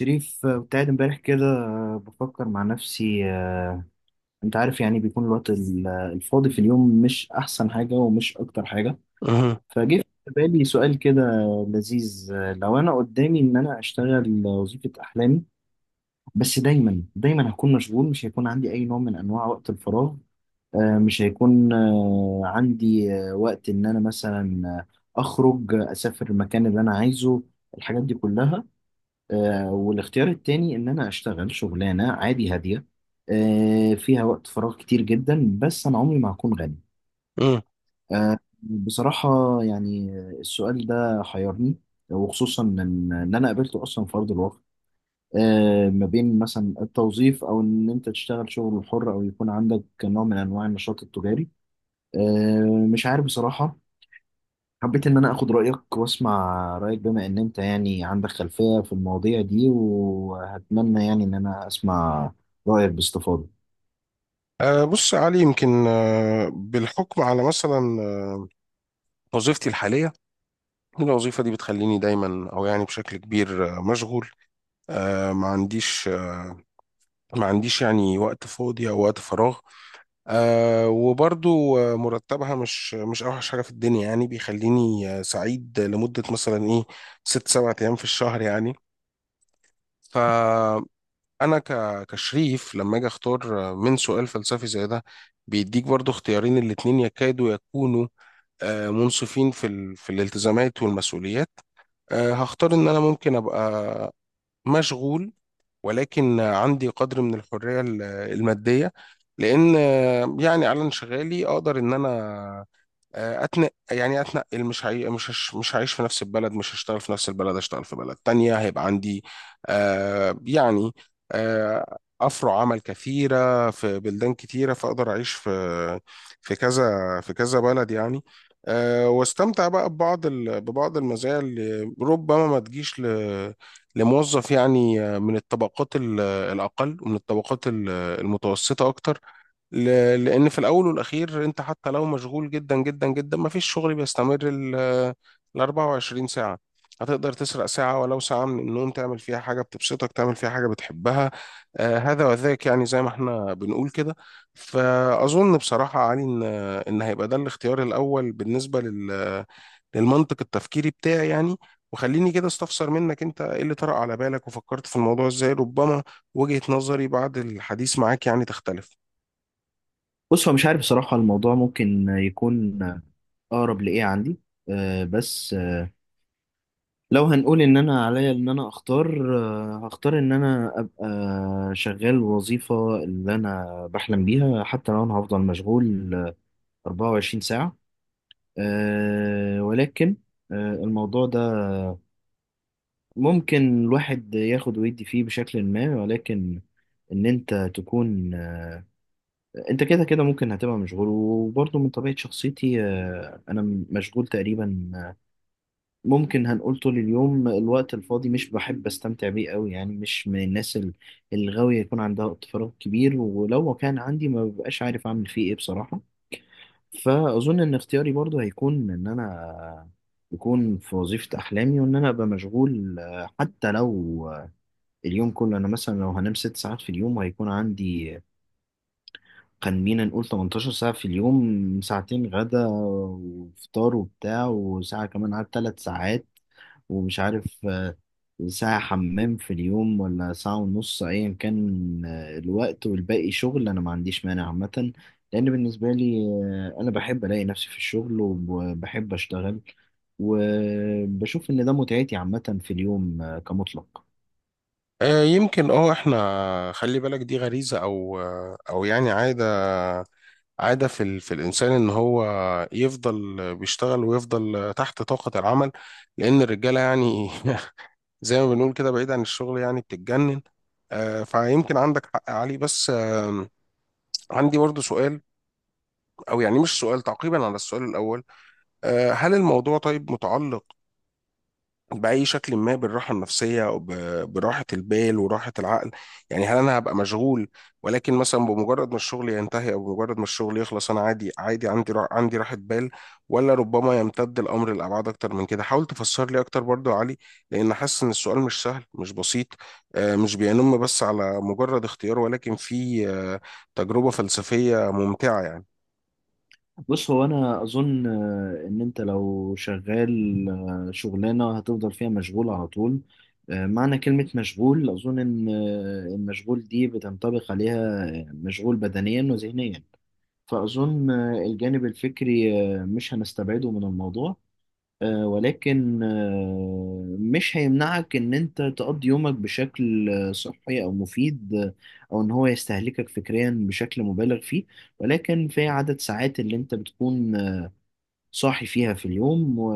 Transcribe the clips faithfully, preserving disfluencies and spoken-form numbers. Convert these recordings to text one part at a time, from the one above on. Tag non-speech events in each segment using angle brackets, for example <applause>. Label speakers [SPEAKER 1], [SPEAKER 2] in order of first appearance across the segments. [SPEAKER 1] شريف، آه، كنت قاعد امبارح كده، آه، بفكر مع نفسي. آه، انت عارف، يعني بيكون الوقت ال- آه، الفاضي في اليوم مش احسن حاجة ومش اكتر حاجة.
[SPEAKER 2] مه.
[SPEAKER 1] فجه في بالي سؤال كده لذيذ. آه، لو انا قدامي ان انا اشتغل وظيفة احلامي، بس دايما دايما هكون مشغول، مش هيكون عندي اي نوع من انواع وقت الفراغ. آه، مش هيكون آه، عندي آه، وقت ان انا مثلا آه، اخرج، آه، اسافر المكان اللي انا عايزه، الحاجات دي كلها. آه، والاختيار التاني ان انا اشتغل شغلانه عادي هاديه، آه، فيها وقت فراغ كتير جدا، بس انا عمري ما هكون غني.
[SPEAKER 2] مه.
[SPEAKER 1] آه، بصراحه، يعني السؤال ده حيرني، وخصوصا ان إن انا قابلته اصلا في ارض الواقع، آه، ما بين مثلا التوظيف او ان انت تشتغل شغل حر او يكون عندك نوع من انواع النشاط التجاري. آه، مش عارف بصراحه. حبيت إن أنا آخد رأيك وأسمع رأيك، بما إن أنت يعني عندك خلفية في المواضيع دي، وهتمنى يعني إن أنا أسمع رأيك باستفاضة.
[SPEAKER 2] آه، بص يا علي، يمكن آه، بالحكم على مثلا آه، وظيفتي الحالية. الوظيفة دي بتخليني دايما، أو يعني بشكل كبير آه، مشغول. آه، ما عنديش آه، ما عنديش يعني وقت فاضي أو وقت فراغ. آه، وبرضو آه، مرتبها مش مش أوحش حاجة في الدنيا، يعني بيخليني آه، سعيد لمدة مثلا إيه ست سبع أيام في الشهر يعني. ف انا ك... كشريف لما اجي اختار من سؤال فلسفي زي ده، بيديك برضو اختيارين، الاتنين يكادوا يكونوا آه، منصفين في ال... في الالتزامات والمسؤوليات. آه، هختار ان انا ممكن ابقى مشغول، ولكن عندي قدر من الحرية ال- المادية، لان آه، يعني على انشغالي اقدر ان انا آه، اتنقل. يعني اتنقل، مش هعي... مش هش... مش هعيش في نفس البلد، مش هشتغل في نفس البلد، هشتغل في بلد تانية، هيبقى عندي آه يعني آه افرع عمل كثيرة في بلدان كتيرة، فاقدر اعيش في في كذا في كذا بلد يعني. آه واستمتع بقى ببعض ال... ببعض المزايا اللي ربما ما تجيش ل... لموظف، يعني آه، من الطبقات ال- الاقل، ومن الطبقات ال- المتوسطة اكتر. ل- لأن في الأول والأخير، أنت حتى لو مشغول جدا جدا جدا، مفيش شغل بيستمر ال ال 24 ساعة. هتقدر تسرق ساعة، ولو ساعة من النوم، تعمل فيها حاجة بتبسطك، تعمل فيها حاجة بتحبها. آه هذا وذاك، يعني زي ما احنا بنقول كده. فأظن بصراحة يا علي إن إن هيبقى ده الاختيار الأول بالنسبة لل للمنطق التفكيري بتاعي يعني. وخليني كده استفسر منك، انت ايه اللي طرأ على بالك وفكرت في الموضوع ازاي؟ ربما وجهة نظري بعد الحديث معاك يعني تختلف.
[SPEAKER 1] بص، هو مش عارف بصراحة الموضوع ممكن يكون أقرب لإيه عندي. أه بس أه لو هنقول إن أنا عليا إن أنا أختار، أه هختار إن أنا أبقى شغال وظيفة اللي أنا بحلم بيها، حتى لو أنا هفضل مشغول اربعة وعشرين ساعة. أه ولكن آه، الموضوع ده ممكن الواحد ياخد ويدي فيه بشكل ما. ولكن ان انت تكون، انت كده كده ممكن هتبقى مشغول. وبرضه من طبيعة شخصيتي، آه، انا م- مشغول تقريبا، آه، ممكن هنقول طول اليوم. الوقت الفاضي مش بحب استمتع بيه قوي، يعني مش من الناس ال- الغاوية يكون عندها وقت فراغ كبير، ولو كان عندي ما ببقاش عارف اعمل فيه ايه بصراحة. فاظن ان اختياري برضه هيكون ان انا آه، يكون في وظيفة أحلامي، وإن أنا أبقى مشغول. آه، حتى لو اليوم كله انا مثلا، لو هنام ست ساعات في اليوم، هيكون عندي، خلينا نقول، تمنتاشر ساعة في اليوم، ساعتين غدا وفطار وبتاع، وساعة كمان على ثلاث ساعات، ومش عارف، آه، ساعة حمام في اليوم ولا ساعة ونص، أيا كان آه، الوقت، والباقي شغل. أنا ما عنديش مانع عامة، لأن بالنسبة لي، آه، أنا بحب ألاقي نفسي في الشغل وبحب أشتغل، وبشوف إن ده متعتي عامة في اليوم، آه، كمطلق.
[SPEAKER 2] آه، يمكن اه احنا خلي بالك دي غريزة او او يعني عادة عادة في ال... في الانسان ان هو يفضل بيشتغل، ويفضل تحت طاقة العمل، لان الرجالة يعني <laughs> زي ما بنقول كده، بعيد عن الشغل يعني بتتجنن. آه، فيمكن عندك حق علي، بس آم، عندي برضو سؤال، او يعني مش سؤال، تعقيبا على السؤال الاول. آه، هل الموضوع طيب متعلق بأي شكل ما بالراحة النفسية، أو ب- براحة البال وراحة العقل؟ يعني هل أنا هبقى مشغول، ولكن مثلا بمجرد ما الشغل ينتهي أو بمجرد ما الشغل يخلص أنا عادي عادي عندي را- عندي راحة بال؟ ولا ربما يمتد الأمر لأبعاد أكتر من كده؟ حاول تفسر لي أكتر برضو يا علي، لأن حاسس إن السؤال مش سهل، مش بسيط. آه، مش بينم بس على مجرد اختيار، ولكن في آه، تجربة فلسفية ممتعة يعني.
[SPEAKER 1] بص، هو انا اظن آه، ان انت لو شغال آه، شغلانه هتفضل فيها مشغول على طول. آه، معنى كلمه مشغول، اظن ان آه، المشغول دي بتنطبق عليها آه، مشغول بدنيا وذهنيا. فاظن آه، الجانب الفكري آه، مش هنستبعده من الموضوع، آه، ولكن آه، مش هيمنعك ان انت تقضي يومك بشكل آه، صحي او مفيد، آه، او ان هو يستهلكك فكريا بشكل مبالغ فيه. ولكن في عدد ساعات اللي انت بتكون صاحي فيها في اليوم، و...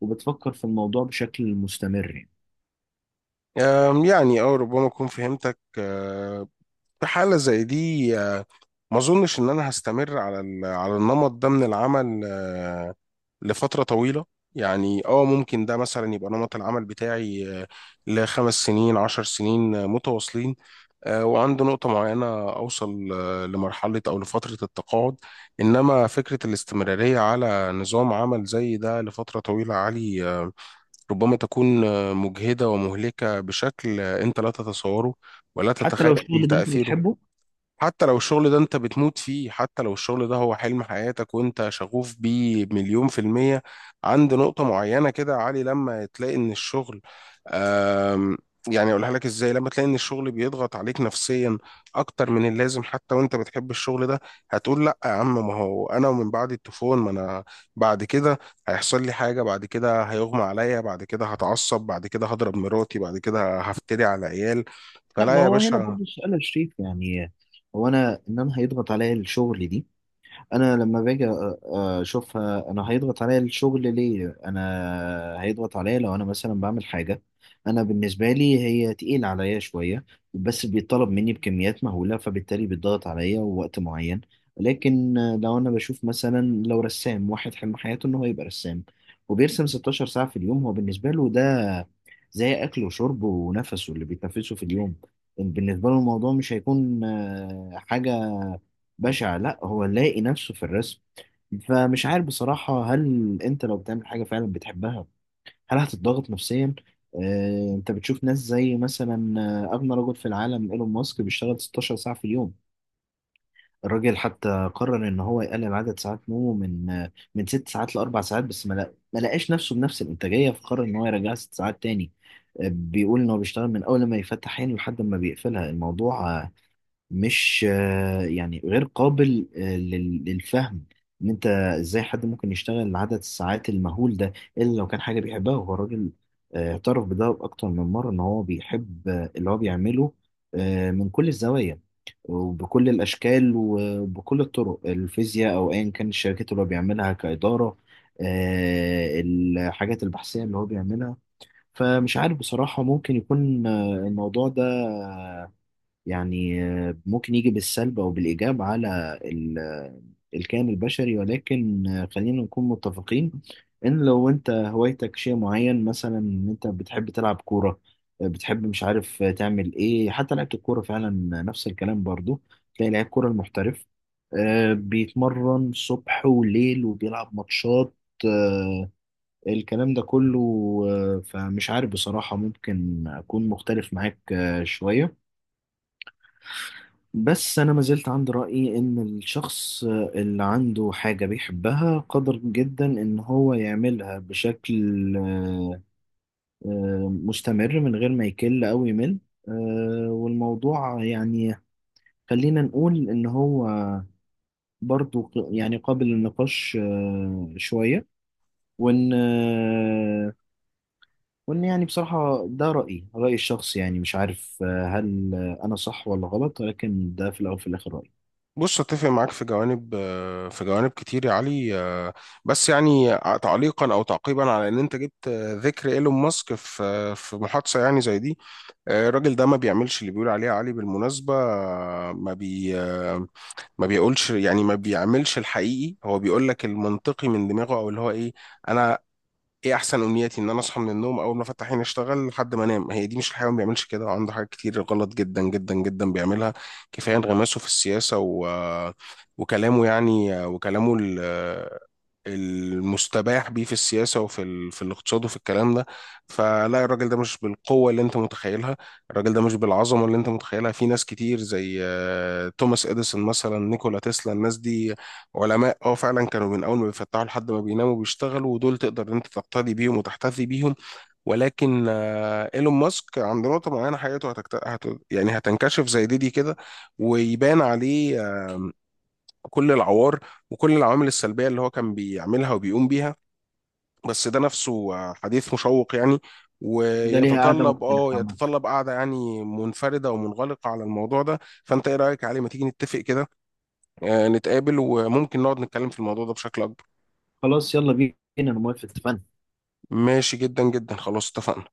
[SPEAKER 1] وبتفكر في الموضوع بشكل مستمر يعني.
[SPEAKER 2] آم، يعني أو ربما أكون فهمتك. آه، في حالة زي دي آه، ما اظنش ان انا هستمر على ال- على النمط ده من العمل آه، لفترة طويلة. يعني اه ممكن ده مثلا يبقى نمط العمل بتاعي آه، لخمس سنين عشر سنين آه، متواصلين. آه، وعند نقطة معينة أوصل آه، لمرحلة أو لفترة التقاعد. إنما فكرة الاستمرارية على نظام عمل زي ده لفترة طويلة عالي، آه، ربما تكون آه، مجهدة ومهلكة بشكل آه، أنت لا تتصوره ولا
[SPEAKER 1] حتى
[SPEAKER 2] تتخيل
[SPEAKER 1] لو الشغل اللي انت
[SPEAKER 2] تأثيره.
[SPEAKER 1] بتحبه.
[SPEAKER 2] حتى لو الشغل ده انت بتموت فيه، حتى لو الشغل ده هو حلم حياتك وانت شغوف بيه مليون في المية، عند نقطة معينة كده يا علي لما تلاقي ان الشغل... آم، يعني اقولها لك ازاي، لما تلاقي ان الشغل بيضغط عليك نفسيا اكتر من اللازم، حتى وانت بتحب الشغل ده، هتقول لا يا عم. ما هو انا ومن بعد التفون ما انا بعد كده هيحصل لي حاجة، بعد كده هيغمى عليا، بعد كده هتعصب، بعد كده هضرب مراتي، بعد كده هفتري على عيال.
[SPEAKER 1] لا، ما
[SPEAKER 2] فلا يا
[SPEAKER 1] هو هنا
[SPEAKER 2] باشا.
[SPEAKER 1] برضه السؤال يا شريف، يعني هو انا، ان انا هيضغط عليا الشغل دي، انا لما باجي أ- اشوفها، انا هيضغط عليا الشغل ليه؟ انا هيضغط عليا لو انا مثلا بعمل حاجه انا بالنسبه لي هي تقيل عليا شويه، بس بيطلب مني بكميات مهوله، فبالتالي بيتضغط عليا وقت معين. لكن لو انا بشوف مثلا، لو رسام واحد حلم حياته ان هو يبقى رسام، وبيرسم ستاشر ساعه في اليوم، هو بالنسبه له ده زي اكله وشربه ونفسه اللي بيتنفسه في اليوم. بالنسبه له الموضوع مش هيكون آه، حاجه بشع، لا، هو لاقي نفسه في الرسم. فمش عارف بصراحة، هل انت لو بتعمل حاجة فعلا بتحبها، هل هتتضغط نفسيا؟ اه، انت بتشوف ناس زي مثلا آه، اغنى رجل في العالم ايلون ماسك، بيشتغل ستاشر ساعة في اليوم. الراجل حتى قرر ان هو يقلل عدد ساعات نومه من، آه، من ست ساعات لاربع ساعات، بس ما لق- ما لقاش نفسه بنفس الانتاجية، فقرر ان هو يرجعها ست ساعات تاني. آه، بيقول ان هو بيشتغل من اول ما يفتح عينه لحد ما بيقفلها. الموضوع مش آه، يعني غير قابل آه، لل- للفهم ان انت ازاي حد ممكن يشتغل عدد الساعات المهول ده، الا لو كان حاجه بيحبها. هو الراجل آه، اعترف بده اكتر من مره ان هو بيحب آه، اللي هو بيعمله آه، من كل الزوايا وبكل الاشكال وبكل الطرق، الفيزياء او ايا كان الشركات اللي هو بيعملها كاداره، آه، الحاجات البحثيه اللي هو بيعملها. فمش عارف بصراحه، ممكن يكون آه، الموضوع ده يعني آه، ممكن يجي بالسلب أو بالإيجاب على ال- آه، الكائن البشري. ولكن آه، خلينا نكون متفقين إن لو أنت هوايتك شيء معين، مثلا إن أنت بتحب تلعب كورة، آه، بتحب مش عارف آه، تعمل إيه حتى لعبة الكورة فعلا. نفس الكلام برضو، تلاقي لعيب كورة المحترف آه، بيتمرن صبح وليل وبيلعب ماتشات آه، الكلام ده كله. آه، فمش عارف بصراحة، ممكن أكون مختلف معاك آه، شوية، بس أنا ما زلت عند رأيي إن الشخص اللي عنده حاجة بيحبها قادر جدا إن هو يعملها بشكل آه، آه، مستمر، من غير ما يكل أو يمل. آه، والموضوع يعني خلينا نقول إن هو برضو ق- يعني قابل للنقاش آه، شوية. وإن آه، وإن يعني بصراحة ده رأيي، رأيي الشخصي يعني. مش عارف آه، هل أنا صح ولا غلط، ولكن ده في الأول وفي الآخر رأيي.
[SPEAKER 2] بص، اتفق معاك في جوانب في جوانب كتير يا علي. بس يعني تعليقا او تعقيبا على ان انت جبت ذكر ايلون ماسك في في محادثه يعني زي دي، الراجل ده ما بيعملش اللي بيقول عليه يا علي، بالمناسبه. ما بي ما بيقولش، يعني ما بيعملش الحقيقي. هو بيقول لك المنطقي من دماغه، او اللي هو ايه: انا، ايه احسن امنياتي؟ ان انا اصحى من النوم، اول ما افتح عيني اشتغل لحد ما انام. هي دي؟ مش الحيوان ما بيعملش كده. وعنده حاجات كتير غلط جدا جدا جدا بيعملها. كفايه انغماسه في السياسه و... وكلامه، يعني وكلامه ال- المستباح بيه في السياسة، وفي ال... في الاقتصاد، وفي الكلام ده. فلا، الراجل ده مش بالقوة اللي انت متخيلها، الراجل ده مش بالعظمة اللي انت متخيلها. في ناس كتير زي آه، توماس اديسون مثلا، نيكولا تسلا. الناس دي علماء اه فعلا، كانوا من اول ما بيفتحوا لحد ما بيناموا بيشتغلوا، ودول تقدر انت تقتدي بيهم وتحتذي بيهم. ولكن آه، ايلون ماسك عند نقطة معينة حياته هتكت... هت... يعني هتنكشف زي دي دي كده، ويبان عليه آه، كل العوار وكل العوامل السلبية اللي هو كان بيعملها وبيقوم بيها. بس ده نفسه آه، حديث مشوق يعني،
[SPEAKER 1] ده ليها قاعدة
[SPEAKER 2] ويتطلب
[SPEAKER 1] مختلفة
[SPEAKER 2] اه
[SPEAKER 1] عامة.
[SPEAKER 2] يتطلب قعدة يعني منفردة ومنغلقة على الموضوع ده. فانت ايه رأيك علي؟ ما تيجي نتفق كده آه، نتقابل وممكن نقعد نتكلم في الموضوع ده بشكل اكبر.
[SPEAKER 1] خلاص، يلا بينا، انا موافق، اتفقنا.
[SPEAKER 2] ماشي جدا جدا. خلاص اتفقنا.